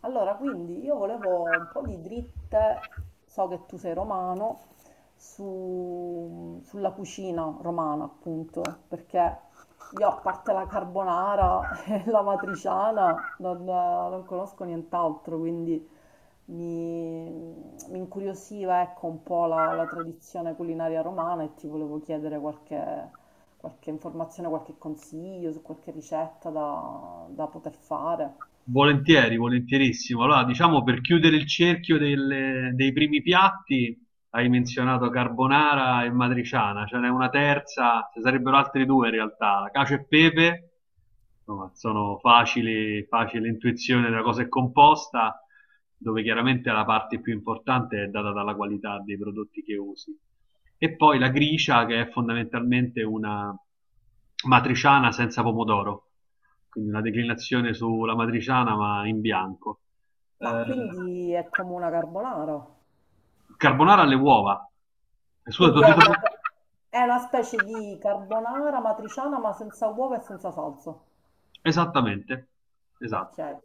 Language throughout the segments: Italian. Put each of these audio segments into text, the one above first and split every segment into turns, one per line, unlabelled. Allora, quindi io volevo un po' di dritte, so che tu sei romano, sulla cucina romana, appunto, perché io a parte la carbonara e la matriciana non conosco nient'altro, quindi mi, mi incuriosiva, ecco, un po' la tradizione culinaria romana e ti volevo chiedere qualche informazione, qualche consiglio su qualche ricetta da poter fare.
Volentieri, volentierissimo. Allora, diciamo per chiudere il cerchio dei primi piatti, hai menzionato carbonara e matriciana, ce n'è una terza, ce sarebbero altri due in realtà, la cacio e pepe insomma, sono facili, facile intuizione della cosa è composta, dove chiaramente la parte più importante è data dalla qualità dei prodotti che usi. E poi la gricia, che è fondamentalmente una matriciana senza pomodoro, quindi una declinazione sulla matriciana ma in bianco. Eh,
Ma quindi è come una carbonara.
carbonara alle uova. Scusa, ti
Quindi
ho
è
detto...
è una specie di carbonara matriciana ma senza uova e senza salsa.
Esattamente, esatto,
Ok,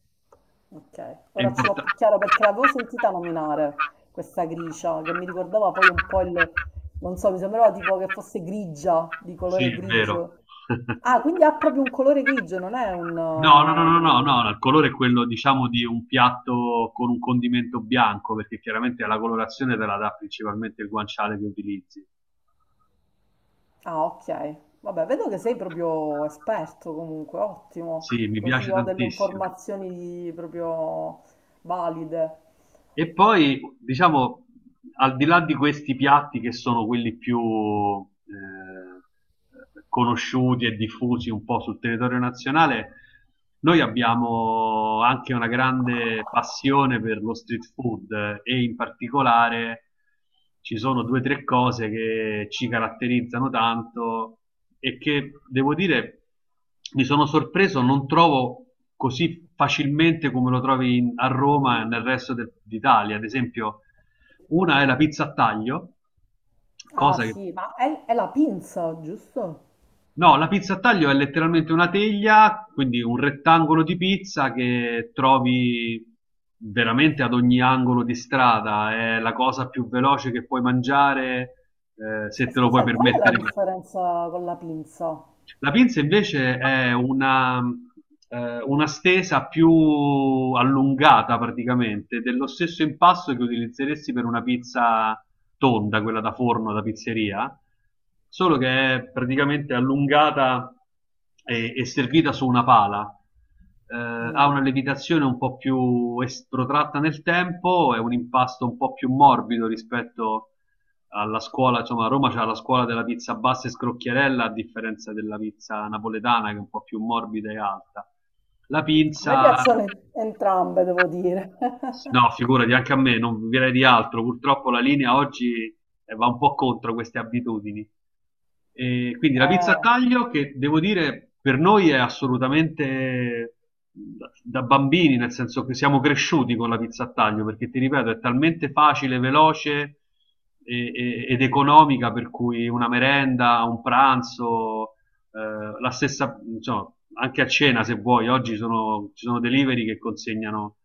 ok.
è
Ora ce l'ho
importante.
più chiaro perché l'avevo sentita nominare questa gricia che mi ricordava poi un po' il... Non so, mi sembrava tipo che fosse grigia, di
Sì,
colore
vero.
grigio. Ah, quindi ha proprio un colore grigio, non è un...
No, no, no, no,
come
no,
dire.
no, il colore è quello, diciamo, di un piatto con un condimento bianco, perché chiaramente la colorazione te la dà principalmente il guanciale che utilizzi.
Ah, ok. Vabbè, vedo che sei proprio esperto comunque, ottimo.
Sì, mi
Così
piace
ho delle
tantissimo.
informazioni proprio valide.
E poi, diciamo, al di là di questi piatti che sono quelli più conosciuti e diffusi un po' sul territorio nazionale, noi abbiamo anche una grande passione per lo street food e in particolare ci sono due o tre cose che ci caratterizzano tanto e che devo dire mi sono sorpreso, non trovo così facilmente come lo trovi a Roma e nel resto d'Italia. Ad esempio, una è la pizza a taglio,
Ah,
cosa che
sì, ma è la pinza, giusto?
no, la pizza a taglio è letteralmente una teglia, quindi un rettangolo di pizza che trovi veramente ad ogni angolo di strada. È la cosa più veloce che puoi mangiare, se
E
te lo puoi
scusa, qual è la
permettere.
differenza con la pinza?
La pinza invece è una stesa più allungata praticamente, dello stesso impasto che utilizzeresti per una pizza tonda, quella da forno, da pizzeria, solo che è praticamente allungata e servita su una pala.
Mm.
Ha una levitazione un po' più protratta nel tempo, è un impasto un po' più morbido rispetto alla scuola, insomma a Roma c'è la scuola della pizza bassa e scrocchiarella a differenza della pizza napoletana che è un po' più morbida e alta. La
A me
pizza
piacciono entrambe, devo dire.
no, figurati, anche a me, non direi di altro. Purtroppo la linea oggi va un po' contro queste abitudini. E quindi la pizza a
Eh.
taglio, che devo dire per noi è assolutamente da bambini, nel senso che siamo cresciuti con la pizza a taglio, perché ti ripeto, è talmente facile, veloce ed economica, per cui una merenda, un pranzo, la stessa, insomma, anche a cena se vuoi, ci sono delivery che consegnano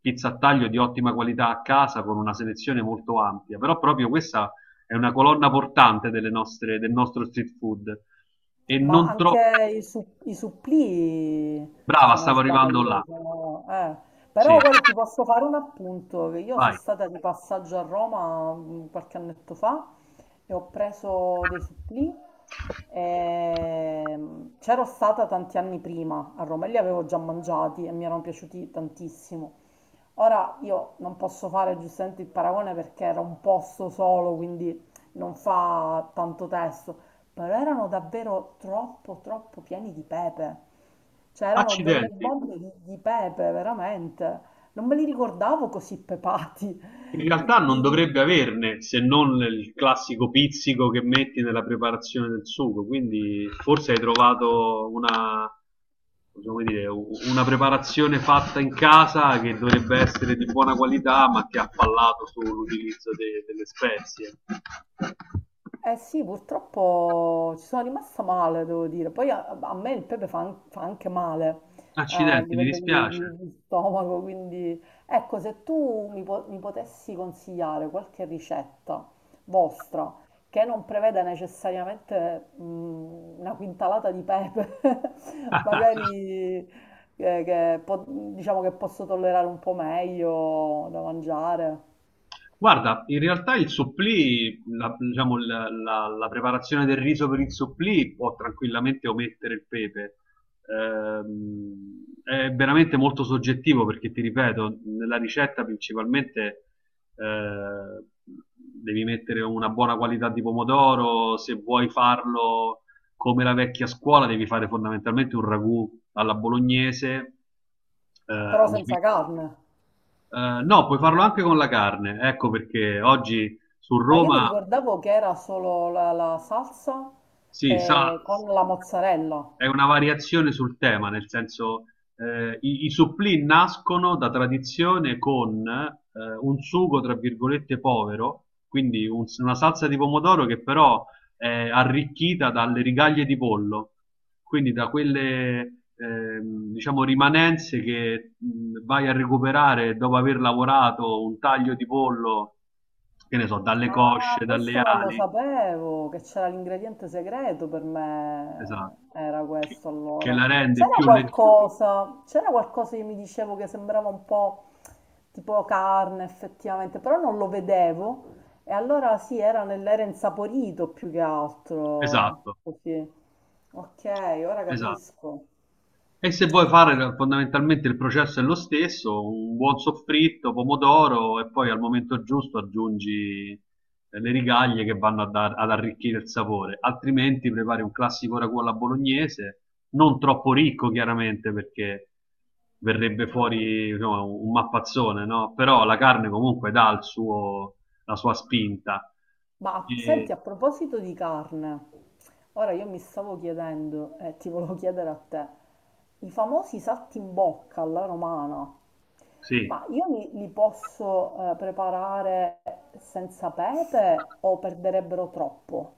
pizza a taglio di ottima qualità a casa con una selezione molto ampia, però proprio questa è una colonna portante delle nostre, del nostro street food e
Ma
non troppo
anche i supplì,
brava,
se non
stavo arrivando
sbaglio,
là.
sono.
Sì,
Però guarda, ti posso fare un appunto, che io sono
vai.
stata di passaggio a Roma qualche annetto fa e ho preso dei supplì. C'ero stata tanti anni prima a Roma e li avevo già mangiati e mi erano piaciuti tantissimo. Ora io non posso fare giustamente il paragone perché era un posto solo, quindi non fa tanto testo, però erano davvero troppo pieni di pepe. Cioè erano delle
Accidenti.
bombe di pepe, veramente. Non me li ricordavo così pepati.
In realtà non
Quindi
dovrebbe averne, se non il classico pizzico che metti nella preparazione del sugo, quindi forse hai trovato una, possiamo dire, una preparazione fatta in casa che dovrebbe essere di buona qualità, ma che ha fallato sull'utilizzo delle spezie.
eh sì, purtroppo ci sono rimasta male, devo dire. Poi a me il pepe fa anche male a
Accidenti, mi
livello
dispiace.
di stomaco, quindi ecco, se tu mi potessi consigliare qualche ricetta vostra che non preveda necessariamente una quintalata di pepe, magari eh, che po- diciamo che posso tollerare un po' meglio da mangiare,
Guarda, in realtà il supplì, la, diciamo, la preparazione del riso per il supplì può tranquillamente omettere il pepe. È veramente molto soggettivo perché, ti ripeto, nella ricetta principalmente eh, devi mettere una buona qualità di pomodoro, se vuoi farlo come la vecchia scuola devi fare fondamentalmente un ragù alla bolognese, eh,
però
un,
senza carne.
no, puoi farlo anche con la carne, ecco perché oggi su
Ma io mi
Roma
ricordavo che era solo la salsa
si sa.
con la mozzarella.
È una variazione sul tema, nel senso i supplì nascono da tradizione con un sugo, tra virgolette, povero, quindi una salsa di pomodoro che però è arricchita dalle rigaglie di pollo, quindi da quelle diciamo rimanenze che vai a recuperare dopo aver lavorato un taglio di pollo, che ne so, dalle
Ah,
cosce, dalle
questo non lo
ali,
sapevo, che c'era l'ingrediente segreto per
esatto,
me. Era
che
questo
che
allora.
la rende più leggera.
C'era qualcosa che mi dicevo che sembrava un po' tipo carne effettivamente, però non lo vedevo. E allora sì, era nell'era insaporito più che altro.
Esatto.
Così. Ok, ora
Esatto.
capisco.
E se vuoi fare fondamentalmente il processo è lo stesso, un buon soffritto, pomodoro e poi al momento giusto aggiungi le rigaglie che vanno a ad arricchire il sapore, altrimenti prepari un classico ragù alla bolognese, non troppo ricco chiaramente perché verrebbe fuori insomma, un mappazzone, no? Però la carne comunque dà la sua spinta.
Ma
E-
senti, a proposito di carne, ora io mi stavo chiedendo, e ti volevo chiedere a te, i famosi salti in bocca alla romana,
sì,
ma io li posso preparare senza pepe o perderebbero troppo?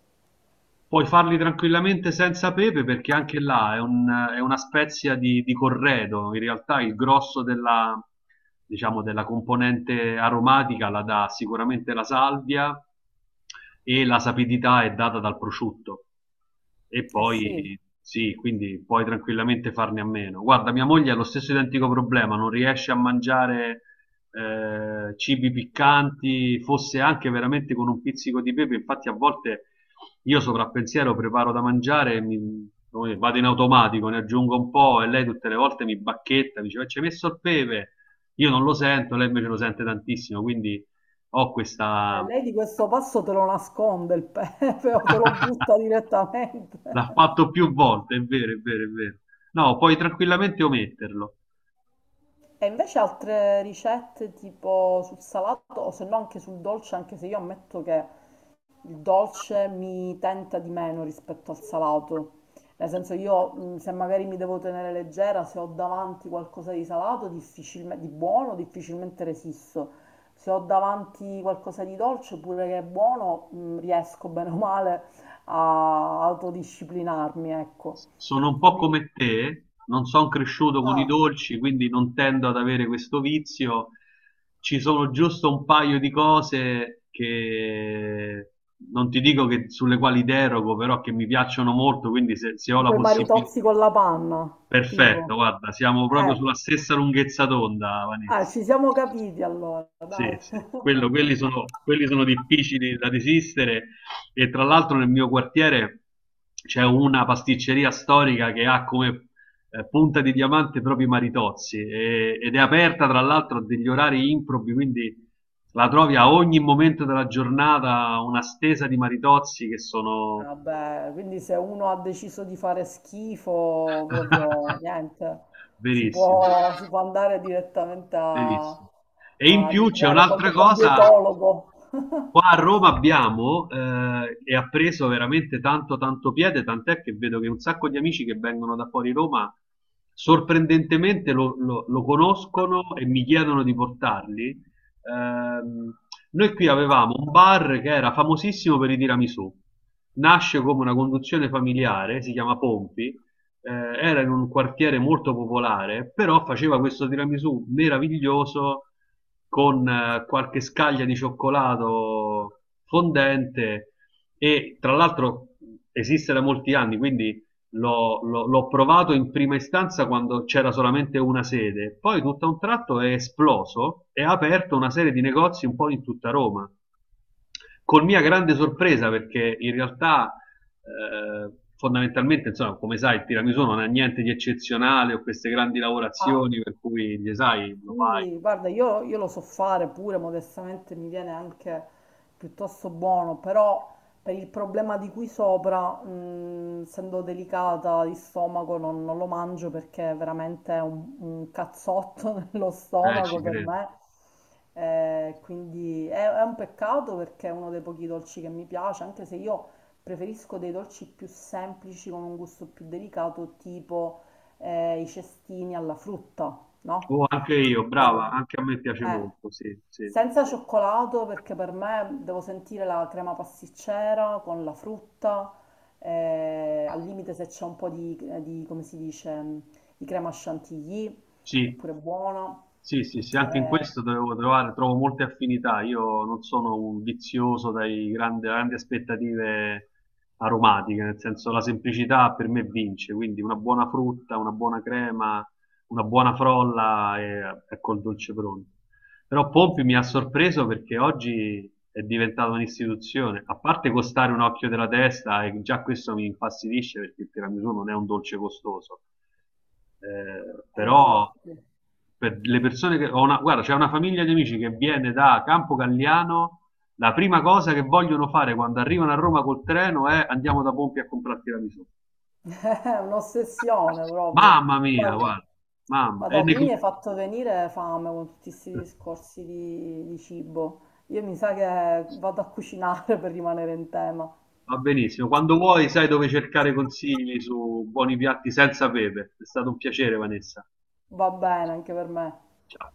puoi farli tranquillamente senza pepe perché anche là è una spezia di corredo. In realtà il grosso della, diciamo, della componente aromatica la dà sicuramente la salvia e la sapidità è data dal prosciutto. E
Eh sì,
poi sì, quindi puoi tranquillamente farne a meno. Guarda, mia moglie ha lo stesso identico problema, non riesce a mangiare cibi piccanti, fosse anche veramente con un pizzico di pepe, infatti a volte io sovrappensiero preparo da mangiare e come vado in automatico, ne aggiungo un po' e lei tutte le volte mi bacchetta, mi dice, "Ma ci hai messo il pepe? Io non lo sento, lei invece lo sente tantissimo, quindi ho questa...
lei di questo passo te lo nasconde il pepe o te lo butta direttamente.
L'ha fatto più volte, è vero, è vero, è vero. No, puoi tranquillamente ometterlo.
E invece altre ricette tipo sul salato o se no anche sul dolce, anche se io ammetto che il dolce mi tenta di meno rispetto al salato, nel senso io se magari mi devo tenere leggera, se ho davanti qualcosa di salato, di buono, difficilmente resisto. Se ho davanti qualcosa di dolce, pure che è buono, riesco bene o male a autodisciplinarmi, ecco.
Sono un po'
Quindi,
come te, non son cresciuto con i
ah,
dolci, quindi non tendo ad avere questo vizio. Ci sono giusto un paio di cose che non ti dico che sulle quali derogo, però che mi piacciono molto, quindi se ho la
tipo i
possibilità...
maritozzi con la panna,
Perfetto,
tipo.
guarda, siamo proprio
Ecco,
sulla stessa lunghezza d'onda,
ah,
Vanessa.
ci siamo capiti allora,
Sì,
dai.
sì, quelli sono difficili da resistere e tra l'altro nel mio quartiere c'è una pasticceria storica che ha come punta di diamante proprio i maritozzi ed è aperta tra l'altro a degli orari improbi, quindi la trovi a ogni momento della giornata una stesa di maritozzi che sono
Vabbè, quindi se uno ha deciso di fare schifo, proprio niente,
verissimi.
si può andare direttamente a,
Benissimo. E in
a
più c'è
litigare
un'altra
col
cosa,
dietologo.
qua a Roma abbiamo e ha preso veramente tanto tanto piede, tant'è che vedo che un sacco di amici che vengono da fuori Roma sorprendentemente lo conoscono e mi chiedono di portarli. Ehm, noi qui avevamo un bar che era famosissimo per i tiramisù, nasce come una conduzione familiare, si chiama Pompi, era in un quartiere molto popolare, però faceva questo tiramisù meraviglioso con qualche scaglia di cioccolato fondente e tra l'altro esiste da molti anni, quindi l'ho provato in prima istanza quando c'era solamente una sede, poi tutto a un tratto è esploso e ha aperto una serie di negozi un po' in tutta Roma. Con mia grande sorpresa, perché in realtà fondamentalmente, insomma, come sai, il tiramisù non ha niente di eccezionale o queste grandi
Ah.
lavorazioni per cui gli sai, lo fai,
Sì, guarda, io lo so fare pure, modestamente mi viene anche piuttosto buono, però per il problema di qui sopra, essendo delicata di stomaco, non lo mangio perché è veramente un cazzotto nello
ci
stomaco per
credo.
me. Quindi è un peccato perché è uno dei pochi dolci che mi piace, anche se io preferisco dei dolci più semplici con un gusto più delicato, tipo i cestini alla frutta, no?
Oh, anche io, brava,
quello-
anche a me piace
eh,
molto, sì, sì,
Senza cioccolato perché per me devo sentire la crema pasticcera con la frutta, al limite se c'è un po' come si dice, di crema chantilly, è
sì.
pure buona.
Sì, sì, sì, anche in
Eh,
questo devo trovare, trovo molte affinità. Io non sono un vizioso dai grandi, grandi aspettative aromatiche, nel senso la semplicità per me vince, quindi una buona frutta, una buona crema, una buona frolla e ecco il dolce pronto. Però Pompi mi
sì,
ha
sì.
sorpreso perché oggi è diventato un'istituzione, a parte costare un occhio della testa, e già questo mi infastidisce perché il tiramisù non è un dolce costoso
Eh,
però
infatti.
per le persone che ho una, guarda, c'è una famiglia di amici che viene da Campo Galliano, la prima cosa che vogliono fare quando arrivano a Roma col treno è andiamo da Pompi a comprarti la tiramisù.
È un'ossessione proprio.
Mamma mia,
Guarda,
guarda, mamma, e
Madò,
ne...
tu mi hai fatto venire fame con tutti questi discorsi di cibo. Io mi sa che vado a cucinare per rimanere in tema.
va benissimo. Quando vuoi sai dove cercare consigli su buoni piatti senza pepe. È stato un piacere, Vanessa.
Va bene anche per me.
Ciao.